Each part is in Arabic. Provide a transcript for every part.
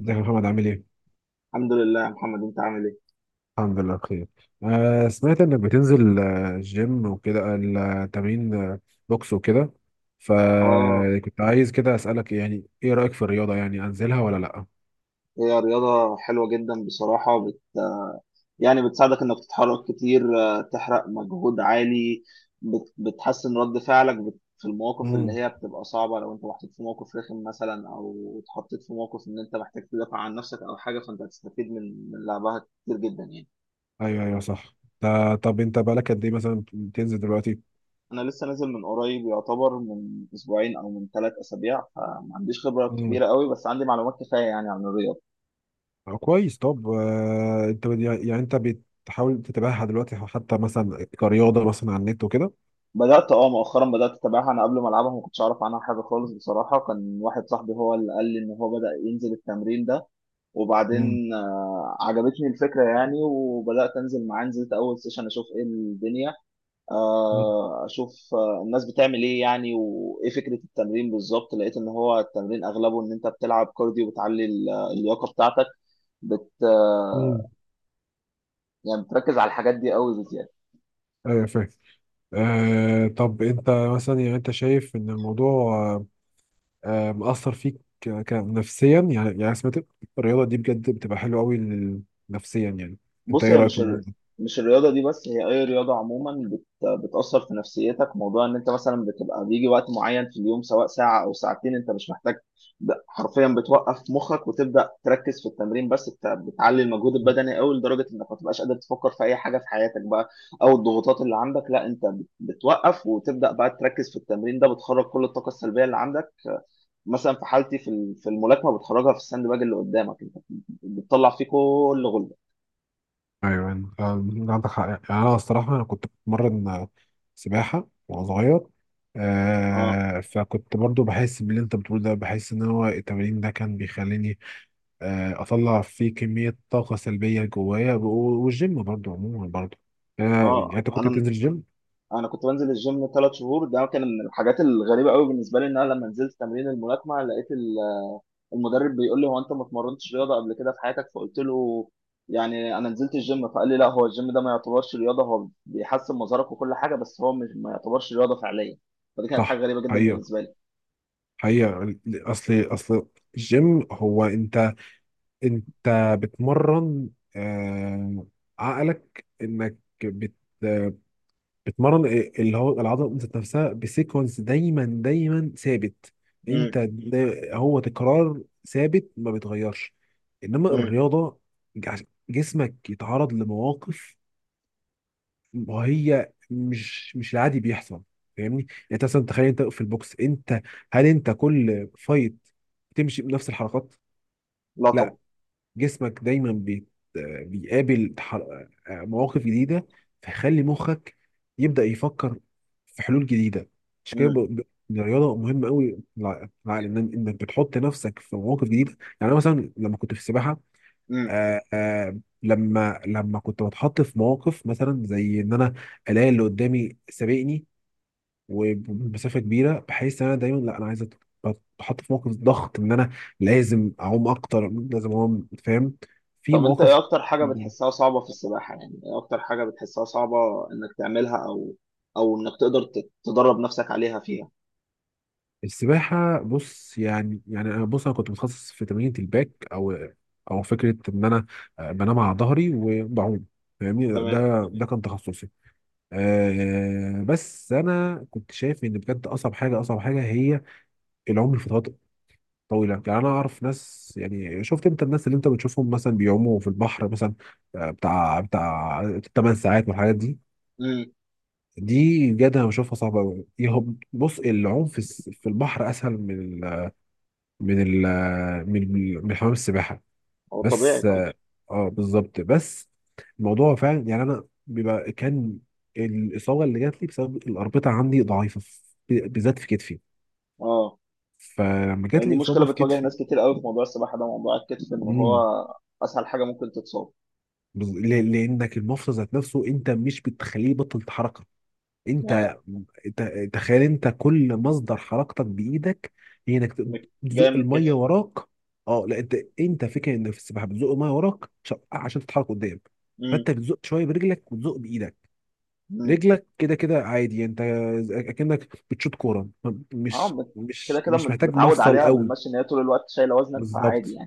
ازيك يا محمد عامل ايه؟ الحمد لله يا محمد انت عامل ايه؟ الحمد لله بخير. سمعت انك بتنزل، جيم وكده، التمرين، بوكس وكده، اه، فكنت عايز كده اسألك، يعني ايه رأيك في الرياضة؟ يعني انزلها ولا لأ؟ هي رياضة حلوة جدا بصراحة. يعني بتساعدك انك تتحرك كتير، تحرق مجهود عالي. بتحسن رد فعلك في المواقف اللي امم هي بتبقى صعبة، لو انت محطوط في موقف رخم مثلا، او اتحطيت في موقف ان انت محتاج تدافع عن نفسك او حاجة، فانت هتستفيد من لعبها كتير جدا يعني. ايوه صح. طب انت بقالك قد ايه مثلا بتنزل دلوقتي؟ انا لسه نازل من قريب، يعتبر من اسبوعين او من 3 اسابيع، فما عنديش خبرة امم كبيرة قوي، بس عندي معلومات كفاية يعني عن الرياضة. كويس. طب انت يعني انت بتحاول تتابعها دلوقتي حتى مثلا كرياضة مثلا على النت وكده؟ بدأت مؤخرا بدأت اتابعها. انا قبل ما العبها ما كنتش اعرف عنها حاجة خالص بصراحة، كان واحد صاحبي هو اللي قال لي ان هو بدأ ينزل التمرين ده، امم وبعدين عجبتني الفكرة يعني، وبدأت انزل معاه. نزلت اول سيشن اشوف ايه الدنيا، اشوف الناس بتعمل ايه يعني، وايه فكرة التمرين بالظبط. لقيت ان هو التمرين اغلبه ان انت بتلعب كارديو، بتعلي اللياقة بتاعتك، بت آه، امم يعني بتركز على الحاجات دي قوي. ايوه، فاهم. طب انت مثلا، يعني انت شايف ان الموضوع مأثر فيك نفسيا، يعني يعني سمعت الرياضة دي بجد بتبقى حلوة قوي نفسيا يعني، انت بص، ايه هي رأيك في مش الموضوع ده؟ مش الرياضة دي بس، هي أي رياضة عموما بتأثر في نفسيتك. موضوع إن أنت مثلا بتبقى بيجي وقت معين في اليوم، سواء ساعة أو ساعتين، أنت مش محتاج حرفيا بتوقف مخك وتبدأ تركز في التمرين بس. بتعلي المجهود البدني أوي لدرجة إنك ما تبقاش قادر تفكر في أي حاجة في حياتك بقى، أو الضغوطات اللي عندك. لا، أنت بتوقف وتبدأ بقى تركز في التمرين ده، بتخرج كل الطاقة السلبية اللي عندك. مثلا في حالتي، في في الملاكمة، بتخرجها في الساند باج اللي قدامك أنت، بتطلع فيه كل غل. ايوه، انت عندك حق. يعني انا الصراحة، انا كنت بتمرن سباحة وانا صغير، اه، فكنت برضو بحس باللي انت بتقوله ده، بحس ان هو التمرين ده كان بيخليني اطلع فيه كمية طاقة سلبية جوايا، والجيم برضو عموما برضو. يعني اه، انت كنت بتنزل انا الجيم؟ انا كنت بنزل الجيم 3 شهور. ده كان من الحاجات الغريبه قوي بالنسبه لي، ان انا لما نزلت تمرين الملاكمه لقيت المدرب بيقول لي: هو انت ما اتمرنتش رياضه قبل كده في حياتك؟ فقلت له يعني انا نزلت الجيم، فقال لي لا، هو الجيم ده ما يعتبرش رياضه، هو بيحسن مظهرك وكل حاجه بس، هو مش، ما يعتبرش رياضه فعليا. فدي كانت حاجه صح. غريبه جدا حقيقة، بالنسبه لي. حقيقة. أصل الجيم، هو أنت، أنت بتمرن آه، عقلك. إنك بت بتمرن إيه، اللي هو العضلة ذات نفسها بسيكونس دايما دايما ثابت. أنت امم، هو تكرار ثابت ما بيتغيرش. إنما امم، الرياضة، جع- جسمك يتعرض لمواقف، وهي مش العادي بيحصل. فاهمني؟ يعني انت مثلا تخيل، انت في البوكس، انت هل انت كل فايت بتمشي بنفس الحركات؟ لا طبعا. لا، جسمك دايما بيقابل مواقف جديدة، فيخلي مخك يبدأ يفكر في حلول جديدة. عشان كده امم، الرياضة مهمة قوي للعقل، ان انك بتحط نفسك في مواقف جديدة. يعني انا مثلا لما كنت في السباحة، امم، لما كنت بتحط في مواقف مثلا زي ان انا الاقي اللي قدامي سابقني وبمسافه كبيره، بحيث ان انا دايما، لا انا عايز بتحط في موقف ضغط، ان انا لازم اعوم اكتر، لازم اعوم. فاهم؟ في طب انت ايه مواقف اكتر حاجه جداً. بتحسها صعبه في السباحه؟ يعني ايه اكتر حاجه بتحسها صعبه انك تعملها، او او انك تقدر تدرب نفسك عليها فيها؟ السباحه، بص يعني، يعني انا بص انا كنت متخصص في تمرينة الباك، او او فكره ان انا بنام على ظهري وبعوم. فاهمني؟ تمام. ده ده كان تخصصي. بس انا كنت شايف ان بجد اصعب حاجه، اصعب حاجه هي العوم لفترات طويله. يعني انا اعرف ناس، يعني شفت انت الناس اللي انت بتشوفهم مثلا بيعوموا في البحر مثلا، بتاع 8 ساعات والحاجات دي. امم. دي بجد انا بشوفها صعبه قوي. بص العوم في في البحر اسهل من ال من ال من من حمام السباحه، هو طبيعي بس طبعا. اه، بالظبط. بس الموضوع فعلا، يعني انا بيبقى كان الاصابه اللي جات لي بسبب الاربطه عندي ضعيفه في-، بالذات في كتفي. اه، فلما جات يعني دي لي اصابه مشكله في بتواجه كتفي. ناس كتير قوي في موضوع السباحه ده، موضوع الكتف، ان هو امم اسهل حاجه ممكن تتصاب. لانك المفصل ذات نفسه انت مش بتخليه يبطل حركه. يعني انت تخيل انت كل مصدر حركتك بايدك، هي انك جايه تزق من الميه الكتف. وراك. اه لا، انت انت فكره ان في السباحه بتزق الميه وراك عشان عشان تتحرك قدام. امم، فانت بتزق شويه برجلك وتزق بايدك. امم. رجلك كده كده عادي يعني، انت اكنك بتشوط كوره، اه، مش كده مش كده مش محتاج متعود مفصل عليها قوي. بالمشي، ان هي طول الوقت شايله وزنك، فعادي بالظبط،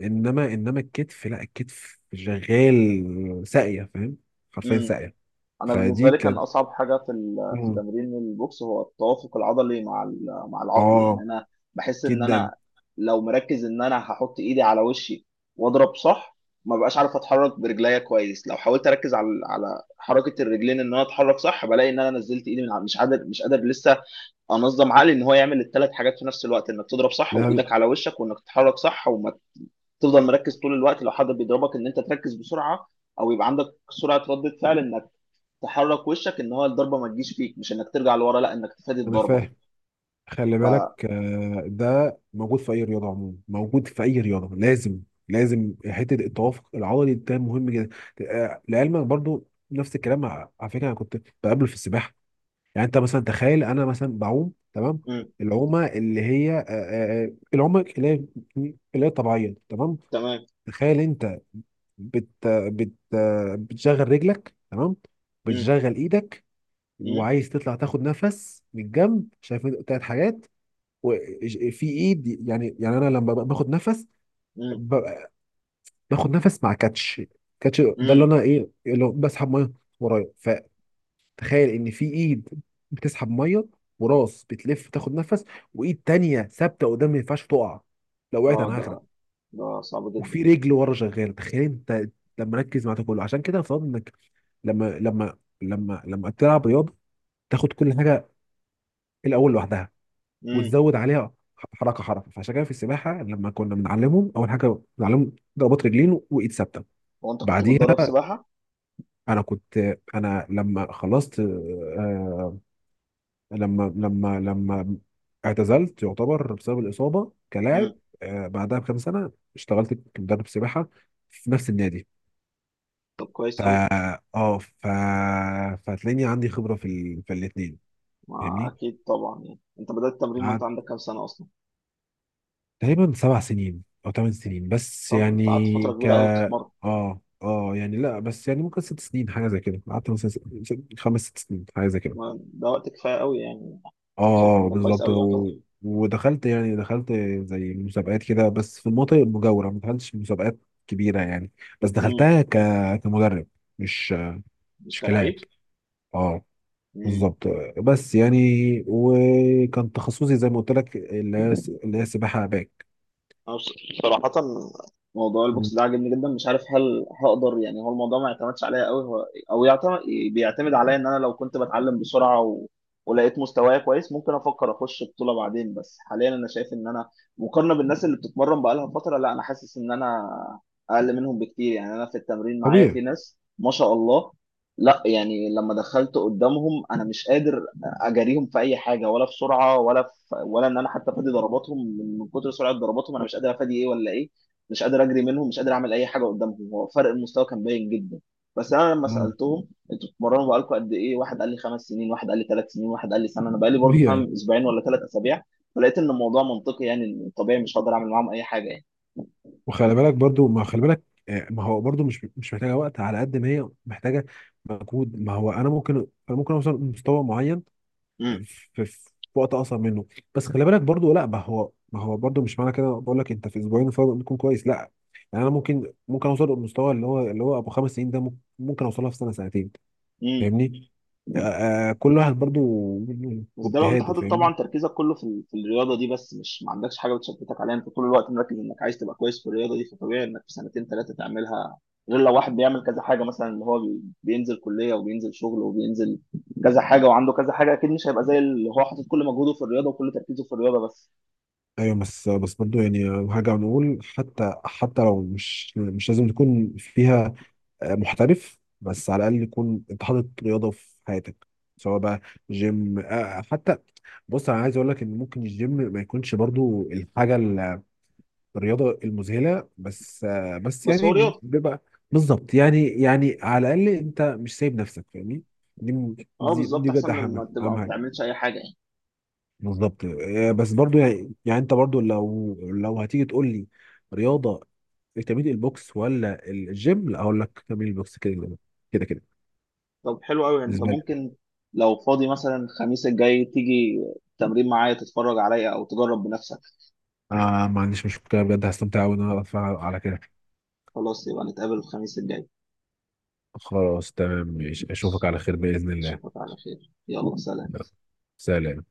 انما الكتف لا، الكتف شغال ساقيه. فاهم؟ حرفيا يعني. ساقيه. انا بالنسبه فدي لي كان كانت. اصعب حاجه في في مم. تمرين البوكس هو التوافق العضلي مع مع العقل. يعني اه، انا بحس ان جدا. انا لو مركز ان انا هحط ايدي على وشي واضرب صح، ما بقاش عارف اتحرك برجليا كويس. لو حاولت اركز على حركه الرجلين ان انا اتحرك صح، بلاقي ان انا نزلت ايدي من مش قادر، لسه انظم عقلي ان هو يعمل ال3 حاجات في نفس الوقت: انك تضرب صح، لا، وايدك لا، على وشك، وانك تتحرك صح، وما تفضل مركز طول الوقت. لو حد بيضربك، ان انت تركز بسرعه، او يبقى عندك سرعه رده فعل انك تحرك وشك ان هو الضربه ما تجيش فيك، مش انك ترجع لورا، لا، انك تفادي انا الضربه. فاهم. خلي ف بالك ده موجود في اي رياضه عموما، موجود في اي رياضه، لازم لازم حته التوافق العضلي ده مهم جدا. لعلمك برضو نفس الكلام، على على فكره انا كنت بقابله في السباحه. يعني انت مثلا تخيل، انا مثلا بعوم تمام، مم. العومه اللي هي العومه اللي هي اللي هي طبيعيه تمام. تمام. تخيل انت بت بت بتشغل رجلك تمام، مم. بتشغل ايدك، مم. وعايز تطلع تاخد نفس من الجنب. شايف انت تلات حاجات؟ وفي ايد، يعني يعني انا لما باخد نفس مم. ب- باخد نفس مع كاتش. كاتش ده اللي مم. انا ايه اللي هو بسحب ميه ورايا. تخيل ان في ايد بتسحب ميه، وراس بتلف تاخد نفس، وايد تانية ثابته قدام ما ينفعش تقع. لو وقعت اه، انا ده هغرق. ده صعب جدا. وفي رجل ورا شغاله، تخيل انت لما ركز مع ده كله. عشان كده افترض انك لما لما لما تلعب رياضه تاخد كل حاجه الاول لوحدها، مم. وتزود عليها حركه حركه. فعشان كده في السباحه لما كنا بنعلمهم، اول حاجه بنعلمهم ضربات رجلين وايد ثابته، هو انت كنت بتدرب بعديها. سباحه؟ انا كنت، انا لما خلصت، لما لما لما اعتزلت يعتبر بسبب الإصابة كلاعب، مم. بعدها بكام سنة اشتغلت كمدرب سباحة في نفس النادي. طب كويس ف قوي. اه ف فهتلاقيني عندي خبرة في ال... في الاتنين. ما فاهمني؟ اكيد طبعا. يعني انت بدات التمرين وانت قعدت عندك كام سنه اصلا؟ تقريبا 7 سنين أو 8 سنين بس طب انت قعدت فتره يعني. ك كبيره قوي بتتمرن. اه يعني لا، بس يعني ممكن 6 سنين حاجة زي كده، قعدت مثلا 5 6 سنين حاجة زي كده. ده وقت كفايه قوي يعني. شايف ان اه ده كويس بالظبط قوي يعتبر. و... ودخلت يعني دخلت زي مسابقات كده، بس في المناطق المجاورة، ما دخلتش مسابقات كبيرة يعني. بس مم. دخلتها كمدرب، مش مش مش كلاعب. كلاعب. اه، بالظبط. بس يعني وكان تخصصي زي ما قلت لك، اللي هي مم. اللي هي سباحة باك. أنا صراحة موضوع مم. البوكس ده عاجبني جدا. مش عارف هل هقدر، يعني هو الموضوع ما يعتمدش عليا قوي، هو او بيعتمد عليا. ان انا لو كنت بتعلم بسرعة ولقيت مستواي كويس، ممكن افكر اخش بطولة بعدين. بس حاليا انا شايف ان انا مقارنة بالناس اللي بتتمرن بقالها فترة، لا، انا حاسس ان انا اقل منهم بكتير. يعني انا في التمرين معايا في طبيعي. ناس ما شاء الله. لا يعني، لما دخلت قدامهم انا مش قادر اجاريهم في اي حاجه، ولا في سرعه، ولا ان انا حتى افادي ضرباتهم. من كتر سرعه ضرباتهم، انا مش قادر افادي ايه ولا ايه، مش قادر اجري منهم، مش قادر اعمل اي حاجه قدامهم. هو فرق المستوى كان باين جدا. بس انا لما مم. سالتهم انتوا بتتمرنوا بقالكم قد ايه، واحد قال لي 5 سنين، واحد قال لي 3 سنين، واحد قال لي سنه، انا بقالي برضه طبيعي. فاهم اسبوعين ولا 3 اسابيع. فلقيت ان الموضوع منطقي، يعني طبيعي مش هقدر اعمل معاهم اي حاجه يعني. وخلي بالك برضو، ما خلي بالك، ما هو برضو مش محتاجة وقت على قد ما هي محتاجة مجهود. ما هو انا ممكن، انا ممكن اوصل لمستوى معين في, في وقت اقصر منه. بس خلي بالك برضو لا، ما هو برضو مش معنى كده بقول لك انت في اسبوعين الفرق بيكون كويس، لا. يعني انا ممكن اوصل للمستوى اللي هو ابو 5 سنين ده، ممكن اوصلها في سنه سنتين. امم. فاهمني؟ آه، كل واحد برضو بس ده لو انت واجتهاده. حاطط فاهمني؟ طبعا تركيزك كله في في الرياضه دي بس، مش ما عندكش حاجه بتشتتك عليها، انت طول الوقت مركز انك عايز تبقى كويس في الرياضه دي، فطبيعي انك في سنتين ثلاثه تعملها. غير لو واحد بيعمل كذا حاجه، مثلا اللي هو بينزل كليه وبينزل شغل وبينزل كذا حاجه وعنده كذا حاجه، اكيد مش هيبقى زي اللي هو حاطط كل مجهوده في الرياضه وكل تركيزه في الرياضه بس. ايوه. بس، بس برضو يعني هرجع نقول، حتى حتى لو مش لازم تكون فيها محترف، بس على الاقل يكون انت حاطط رياضه في حياتك. سواء بقى جيم، حتى. بص انا عايز اقول لك ان ممكن الجيم ما يكونش برضو الحاجه الرياضه المذهله، بس بس بس هو يعني رياضه. بيبقى. بالظبط، يعني يعني على الاقل انت مش سايب نفسك، فاهمني؟ دي اه بالظبط، دي بجد احسن من اهم ما تبقى ما اهم حاجه. بتعملش اي حاجه يعني. بالظبط، بس برضو يعني يعني انت برضو لو هتيجي تقول لي رياضه تمرين البوكس ولا الجيم، لا اقول لك تمرين البوكس، كده كده كده كده. طب حلو قوي، انت بالنسبه لي. ممكن لو فاضي مثلا الخميس الجاي تيجي تمرين معايا، تتفرج عليا او تجرب بنفسك. آه ما عنديش مشكلة بجد، هستمتع أوي إن أنا أتفرج على كده. خلاص، يبقى نتقابل الخميس الجاي. خلاص تمام ماشي، أشوفك على خير بإذن الله. أشوفك على خير، يلا سلام. سلام.